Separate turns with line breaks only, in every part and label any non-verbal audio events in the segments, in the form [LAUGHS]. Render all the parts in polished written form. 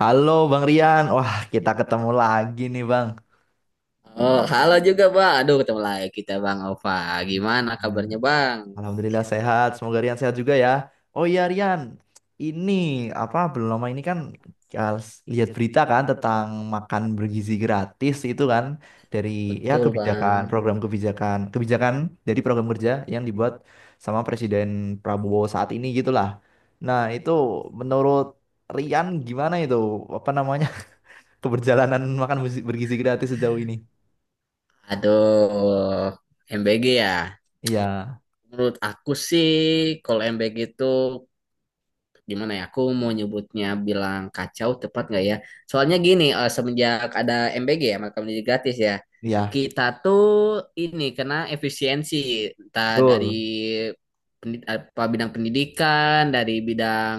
Halo Bang Rian, wah kita ketemu lagi nih Bang.
Oh, halo juga, Bang. Aduh, ketemu lagi kita, Bang Ova. Gimana
Ya,
kabarnya, Bang?
Alhamdulillah sehat, semoga Rian sehat juga ya. Oh iya Rian, ini apa belum lama ini kan ya, lihat berita kan tentang makan bergizi gratis itu kan dari ya
Betul,
kebijakan
Bang.
program kebijakan kebijakan dari program kerja yang dibuat sama Presiden Prabowo saat ini gitulah. Nah itu menurut Rian gimana itu apa namanya [LAUGHS] keberjalanan makan bergizi bergizi gratis sejauh ini?
Aduh, MBG ya.
Iya.
Menurut aku sih, kalau MBG itu gimana ya, aku mau nyebutnya bilang kacau tepat nggak ya, soalnya gini, semenjak ada MBG ya maka menjadi gratis ya,
Iya,
kita tuh ini kena efisiensi entah dari
betul,
apa, bidang pendidikan, dari bidang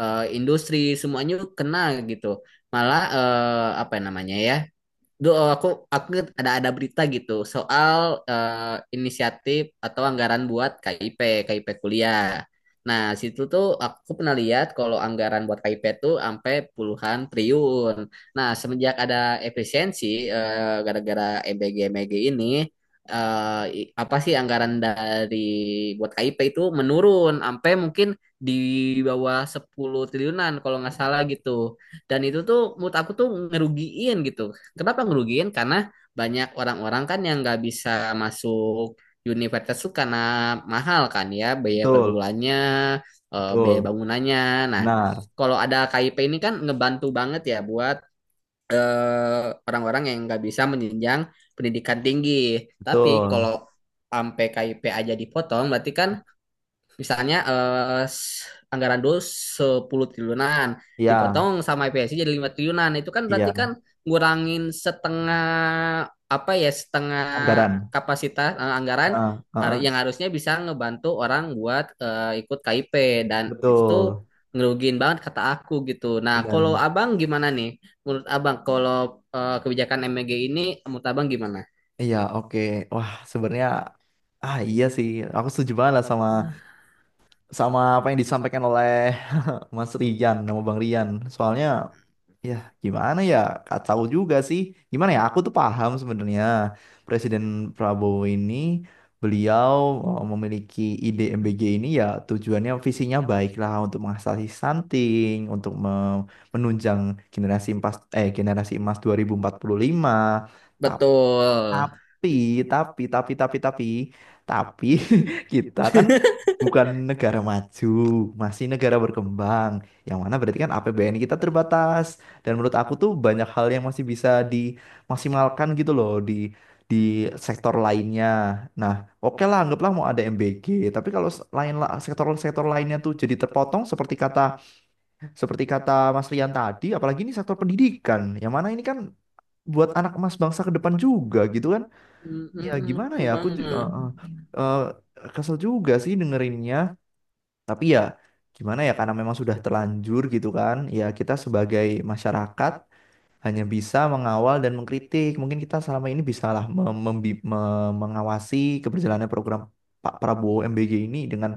industri, semuanya kena gitu. Malah apa namanya ya. Duh, aku ada berita gitu soal inisiatif atau anggaran buat KIP, KIP kuliah. Nah, situ tuh aku pernah lihat kalau anggaran buat KIP tuh sampai puluhan triliun. Nah, semenjak ada efisiensi gara-gara MBG-MBG ini, apa sih, anggaran dari, buat KIP itu menurun sampai mungkin di bawah 10 triliunan kalau nggak salah gitu. Dan itu tuh menurut aku tuh ngerugiin gitu. Kenapa ngerugiin? Karena banyak orang-orang kan yang nggak bisa masuk universitas tuh karena mahal kan ya biaya per
betul,
bulannya, biaya
betul,
bangunannya. Nah,
benar,
kalau ada KIP ini kan ngebantu banget ya buat orang-orang yang nggak bisa menjenjang pendidikan tinggi. Tapi
betul.
kalau sampai KIP aja dipotong, berarti kan, misalnya anggaran dulu 10 triliunan
Iya,
dipotong sama IPSI jadi 5 triliunan. Itu kan berarti kan
iya,
ngurangin setengah, apa ya, setengah
anggaran.
kapasitas anggaran
Heeh, heeh,
yang harusnya bisa ngebantu orang buat ikut KIP. Dan itu tuh
betul,
ngerugiin banget kata aku gitu. Nah,
benar.
kalau Abang gimana nih? Menurut Abang, kalau kebijakan MEG ini, menurut Abang gimana?
Iya, oke. Wah, sebenarnya ah iya sih, aku setuju banget lah sama sama apa yang disampaikan oleh Mas Rian, sama Bang Rian. Soalnya ya, gimana ya? Gak tahu juga sih. Gimana ya? Aku tuh paham sebenarnya Presiden Prabowo ini beliau memiliki ide MBG ini ya tujuannya visinya baiklah untuk mengatasi stunting, untuk menunjang generasi emas 2045.
Betul.
Tapi, tapi, tapi, tapi, tapi, tapi, [LAUGHS] kita kan
[LAUGHS]
bukan negara maju, masih negara berkembang. Yang mana berarti kan APBN kita terbatas. Dan menurut aku tuh banyak hal yang masih bisa dimaksimalkan gitu loh di di sektor lainnya. Nah, oke lah, anggaplah mau ada MBG. Tapi kalau sektor-sektor lainnya tuh jadi terpotong seperti kata Mas Rian tadi, apalagi ini sektor pendidikan. Yang mana ini kan buat anak emas bangsa ke depan juga gitu kan.
Mm,
Ya
mm,
gimana
betul
ya aku
banget.
kesel juga sih dengerinnya, tapi ya gimana ya karena memang sudah terlanjur gitu kan ya kita sebagai masyarakat hanya bisa mengawal dan mengkritik. Mungkin kita selama ini bisalah mengawasi keberjalanan program Pak Prabowo MBG ini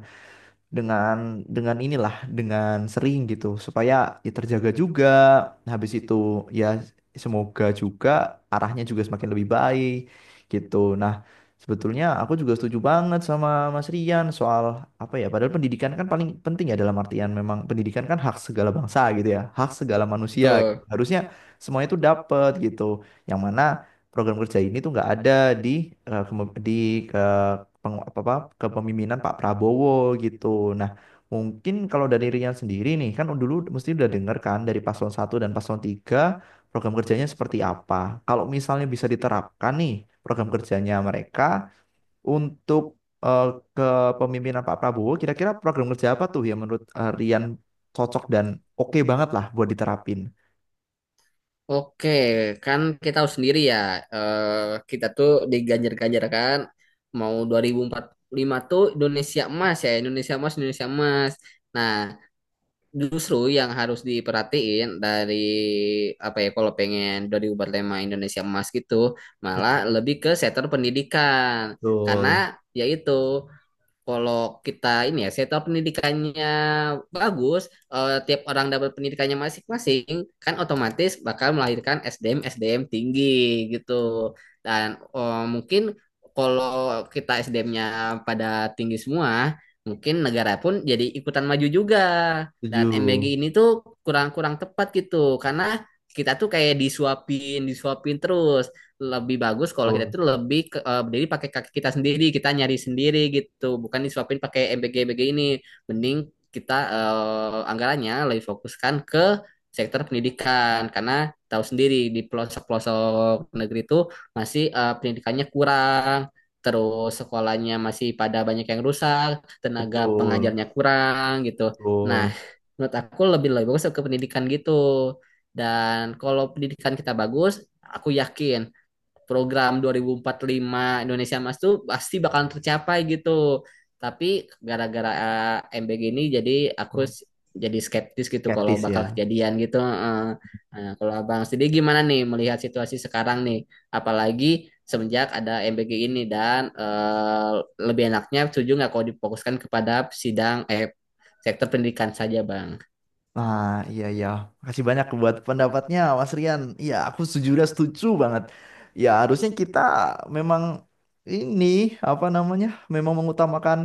dengan dengan inilah, dengan sering gitu supaya ya terjaga juga. Nah, habis itu ya semoga juga arahnya juga semakin lebih baik gitu. Nah, sebetulnya aku juga setuju banget sama Mas Rian soal apa ya padahal pendidikan kan paling penting ya dalam artian memang pendidikan kan hak segala bangsa gitu ya hak segala manusia gitu.
Betul.
Harusnya semuanya itu dapat gitu yang mana program kerja ini tuh nggak ada di eh, kemo- di eh, peng- apa, apa, kepemimpinan Pak Prabowo gitu. Nah, mungkin kalau dari Rian sendiri nih, kan dulu mesti udah denger kan dari paslon 1 dan paslon 3 program kerjanya seperti apa. Kalau misalnya bisa diterapkan nih program kerjanya mereka untuk eh, kepemimpinan Pak Prabowo, kira-kira program kerja apa tuh yang menurut Rian cocok dan oke banget lah buat diterapin?
Oke, kan kita tahu sendiri ya, eh, kita tuh diganjar-ganjarkan mau 2045 tuh Indonesia emas ya, Indonesia emas, Indonesia emas. Nah, justru yang harus diperhatiin dari, apa ya, kalau pengen 2045 Indonesia emas gitu, malah
Betul.
lebih ke sektor pendidikan. Karena
Betul.
yaitu, kalau kita ini ya sektor pendidikannya bagus, tiap orang dapat pendidikannya masing-masing, kan otomatis bakal melahirkan SDM SDM tinggi gitu. Dan mungkin kalau kita SDM-nya pada tinggi semua, mungkin negara pun jadi ikutan maju juga.
Setuju.
Dan MBG ini tuh kurang-kurang tepat gitu, karena kita tuh kayak disuapin, disuapin terus. Lebih bagus kalau kita
Betul.
tuh lebih ke, berdiri pakai kaki kita sendiri, kita nyari sendiri gitu, bukan disuapin pakai MBG-MBG ini. Mending kita anggarannya lebih fokuskan ke sektor pendidikan, karena tahu sendiri di pelosok-pelosok negeri itu masih, pendidikannya kurang. Terus sekolahnya masih pada banyak yang rusak, tenaga
Betul.
pengajarnya kurang gitu. Nah,
Betul.
menurut aku lebih lebih bagus ke pendidikan gitu. Dan kalau pendidikan kita bagus, aku yakin program 2045 Indonesia Emas tuh pasti bakal tercapai gitu. Tapi gara-gara MBG ini jadi aku
Betul.
s- jadi skeptis gitu kalau
Skeptis
bakal
ya.
kejadian gitu. Eh. Nah, kalau Abang sendiri gimana nih melihat situasi sekarang nih? Apalagi semenjak ada MBG ini, dan lebih enaknya, setuju nggak kalau difokuskan kepada sidang eh sektor pendidikan saja, Bang.
Nah, iya iya. Makasih banyak buat pendapatnya, Mas Rian. Iya, aku sejujurnya setuju banget. Ya, harusnya kita memang ini apa namanya? Memang mengutamakan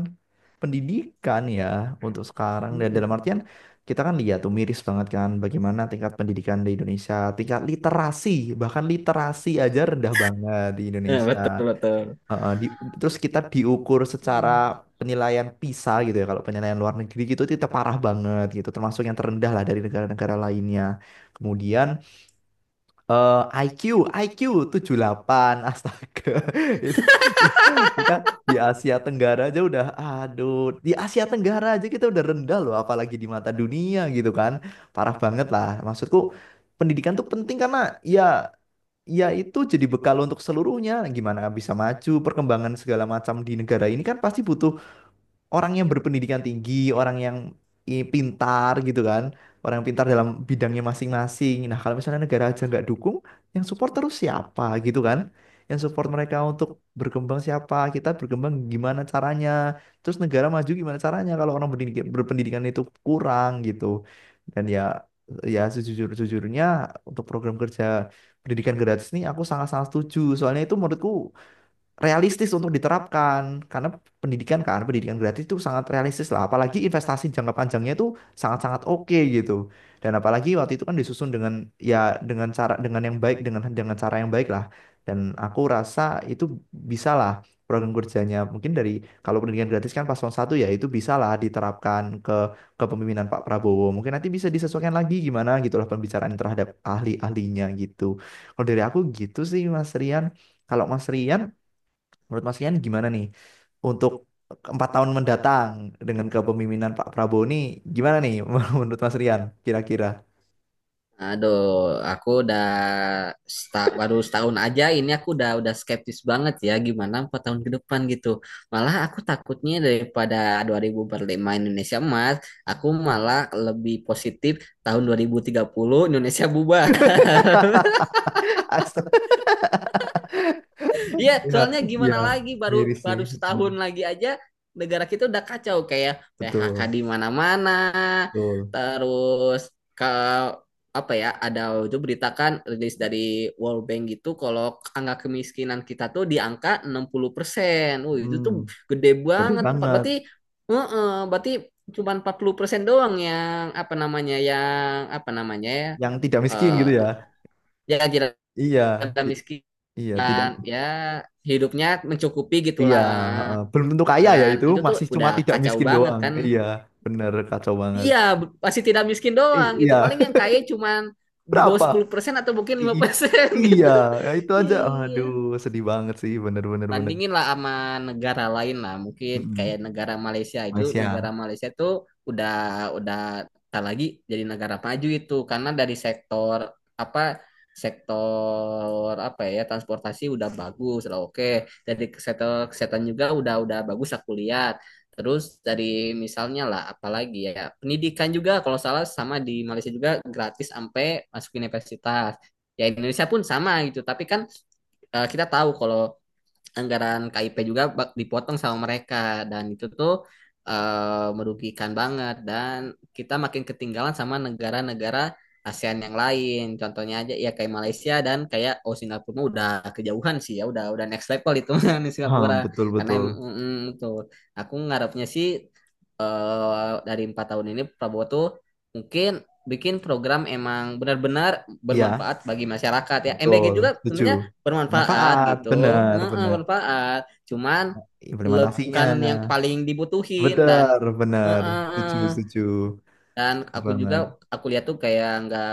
pendidikan ya untuk sekarang dan
Mm-mm.
dalam artian kita kan lihat tuh miris banget kan bagaimana tingkat pendidikan di Indonesia, tingkat literasi, bahkan literasi aja rendah banget di
Ya,
Indonesia.
betul, betul.
Heeh, terus kita diukur secara penilaian PISA gitu ya. Kalau penilaian luar negeri gitu itu kita parah banget gitu. Termasuk yang terendah lah dari negara-negara lainnya. Kemudian eh, IQ, IQ 8. Astaga. [LAUGHS] Itu kita di Asia Tenggara aja udah aduh, di Asia Tenggara aja kita udah rendah loh apalagi di mata dunia gitu kan. Parah banget lah. Maksudku pendidikan tuh penting karena ya ya itu jadi bekal untuk seluruhnya. Gimana bisa maju, perkembangan segala macam di negara ini kan pasti butuh orang yang berpendidikan tinggi, orang yang pintar gitu kan, orang yang pintar dalam bidangnya masing-masing. Nah, kalau misalnya negara aja nggak dukung, yang support terus siapa gitu kan? Yang support mereka untuk berkembang siapa? Kita berkembang gimana caranya? Terus negara maju gimana caranya kalau orang berpendidikan itu kurang gitu. Dan ya sejujur-jujurnya untuk program kerja pendidikan gratis ini aku sangat-sangat setuju. Soalnya itu menurutku realistis untuk diterapkan karena pendidikan kan pendidikan gratis itu sangat realistis lah apalagi investasi jangka panjangnya itu sangat-sangat oke gitu. Dan apalagi waktu itu kan disusun dengan ya, dengan cara, dengan yang baik, dengan cara yang baik lah dan aku rasa itu bisa lah. Program kerjanya mungkin dari kalau pendidikan gratis kan paslon satu ya itu bisa lah diterapkan ke kepemimpinan Pak Prabowo, mungkin nanti bisa disesuaikan lagi gimana gitulah, pembicaraan terhadap ahli-ahlinya gitu. Kalau dari aku gitu sih Mas Rian. Kalau Mas Rian menurut Mas Rian gimana nih untuk 4 tahun mendatang dengan kepemimpinan Pak Prabowo ini gimana nih [LAUGHS] menurut Mas Rian kira-kira?
Aduh, aku udah baru setahun aja ini, aku udah skeptis banget ya, gimana 4 tahun ke depan gitu. Malah aku takutnya, daripada 2045 Indonesia emas, aku malah lebih positif tahun 2030 Indonesia bubar.
[LAUGHS] Astaga,
Iya,
ya,
soalnya
ya,
gimana lagi, baru
miris nih.
baru
Hmm,
setahun lagi aja negara kita udah kacau kayak PHK
betul,
di mana-mana.
betul.
Terus ke, apa ya, ada itu beritakan rilis dari World Bank gitu kalau angka kemiskinan kita tuh di angka 60%. Wih, itu tuh
Hmm,
gede
bener
banget.
banget.
Berarti, heeh, berarti cuma 40% doang yang apa namanya, yang apa namanya ya,
Yang tidak miskin
eh
gitu ya.
ya kira
Iya, i-
miskin
iya, tidak.
dan ya hidupnya mencukupi
Iya,
gitulah.
belum tentu kaya ya
Dan
itu,
itu tuh
masih cuma
udah
tidak
kacau
miskin
banget
doang.
kan.
Iya, bener kacau banget.
Iya, masih tidak miskin doang gitu.
Iya,
Paling yang kaya cuman di bawah
berapa?
10% atau mungkin
I-
lima
i-
persen
Iya,
gitu.
ya itu
[LAUGHS]
aja.
Iya,
Aduh, sedih banget sih, bener-bener bener.
bandingin
bener,
lah sama negara lain lah. Mungkin
bener.
kayak
Mm-mm.
negara Malaysia, itu negara
Malaysia.
Malaysia tuh udah udah tak lagi jadi negara maju itu karena dari sektor, apa, sektor apa ya, transportasi udah bagus lah, oke. Dari sektor kesehatan juga udah bagus aku lihat. Terus dari misalnya lah, apalagi ya pendidikan juga kalau salah sama, di Malaysia juga gratis sampai masuk universitas. Ya, Indonesia pun sama gitu, tapi kan kita tahu kalau anggaran KIP juga dipotong sama mereka. Dan itu tuh merugikan banget, dan kita makin ketinggalan sama negara-negara ASEAN yang lain. Contohnya aja ya kayak Malaysia, dan kayak, oh, Singapura mah udah kejauhan sih ya, udah next level itu [LAUGHS] di
Hah,
Singapura.
betul
Karena
betul.
tuh aku ngarepnya sih, dari 4 tahun ini Prabowo tuh mungkin bikin program emang benar-benar
Iya,
bermanfaat bagi masyarakat ya. MBG
betul.
juga
Setuju.
sebenarnya bermanfaat
Manfaat,
gitu.
bener
Heeh,
bener.
bermanfaat, cuman
Implementasinya,
bukan yang paling dibutuhin, dan
bener bener.
heeh,
Setuju
heeh.
setuju.
Dan
Setuju
aku juga,
banget.
aku lihat tuh kayak nggak,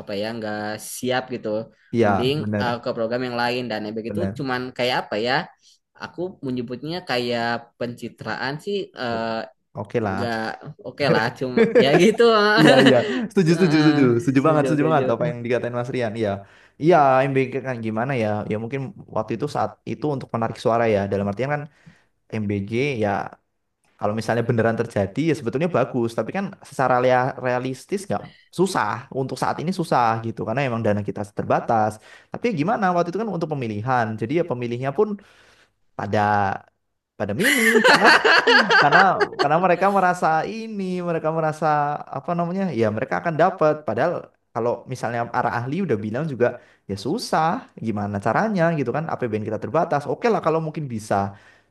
apa ya, nggak siap gitu.
Iya,
Mending
bener
ke program yang lain, dan yang begitu.
bener.
Cuman kayak, apa ya, aku menyebutnya kayak pencitraan sih.
Oke lah.
Nggak oke lah, cuma ya gitu. [LAUGHS]
[LAUGHS] Iya iya, setuju
Se-
setuju
eh,
setuju,
sejauh
setuju banget
sejauh
apa
kan
yang dikatain Mas Rian. Iya, iya MBK kan gimana ya? Ya mungkin waktu itu saat itu untuk menarik suara ya. Dalam artian kan MBG ya kalau misalnya beneran terjadi ya sebetulnya bagus tapi kan secara realistis nggak susah, untuk saat ini susah gitu karena emang dana kita terbatas. Tapi ya gimana waktu itu kan untuk pemilihan jadi ya pemilihnya pun pada pada milih karena karena mereka merasa, ini mereka merasa apa namanya ya mereka akan dapat padahal kalau misalnya para ahli udah bilang juga ya susah gimana caranya gitu kan APBN kita terbatas oke lah kalau mungkin bisa.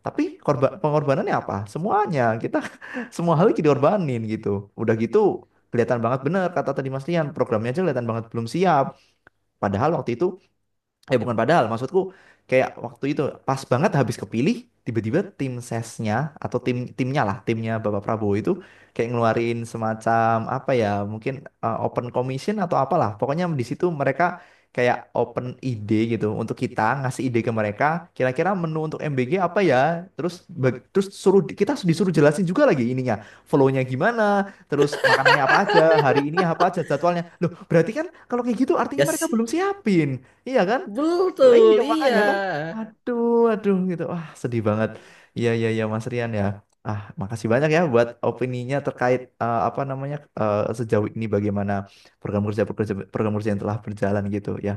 Tapi korban pengorbanannya apa semuanya kita [LAUGHS] semua hal kita diorbanin gitu. Udah gitu kelihatan banget bener kata tadi Mas Lian programnya aja kelihatan banget belum siap. Padahal waktu itu eh bukan padahal maksudku kayak waktu itu pas banget habis kepilih tiba-tiba tim sesnya atau timnya lah timnya Bapak Prabowo itu kayak ngeluarin semacam apa ya mungkin open commission atau apalah. Pokoknya di situ mereka kayak open ide gitu untuk kita ngasih ide ke mereka kira-kira menu untuk MBG apa ya. Terus terus suruh kita disuruh jelasin juga lagi ininya flow-nya gimana terus makanannya apa aja hari ini apa aja jadwalnya loh berarti kan kalau kayak gitu artinya
gak
mereka
sih,
belum siapin iya kan. Loh,
betul
iya
iya.
makanya kan, waduh, waduh gitu, wah sedih banget. Iya iya iya Mas Rian ya. Ah makasih banyak ya buat opininya terkait apa namanya sejauh ini bagaimana program kerja program kerja yang telah berjalan gitu ya.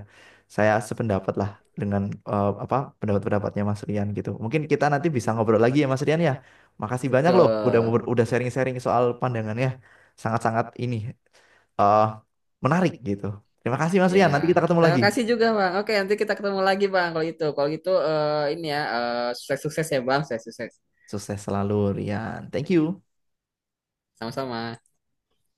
Saya sependapat lah dengan apa pendapat-pendapatnya Mas Rian gitu. Mungkin kita nanti bisa ngobrol lagi ya Mas Rian ya. Makasih banyak loh udah mau
Betul.
udah sharing-sharing soal pandangannya sangat-sangat ini eh menarik gitu. Terima kasih Mas
Ya,
Rian. Nanti kita ketemu
saya
lagi.
kasih juga, Bang. Oke, nanti kita ketemu lagi, Bang, kalau gitu. Kalau gitu ini ya, sukses-sukses ya, Bang. Sukses-sukses.
Sukses selalu, Rian. Thank you.
Sama-sama.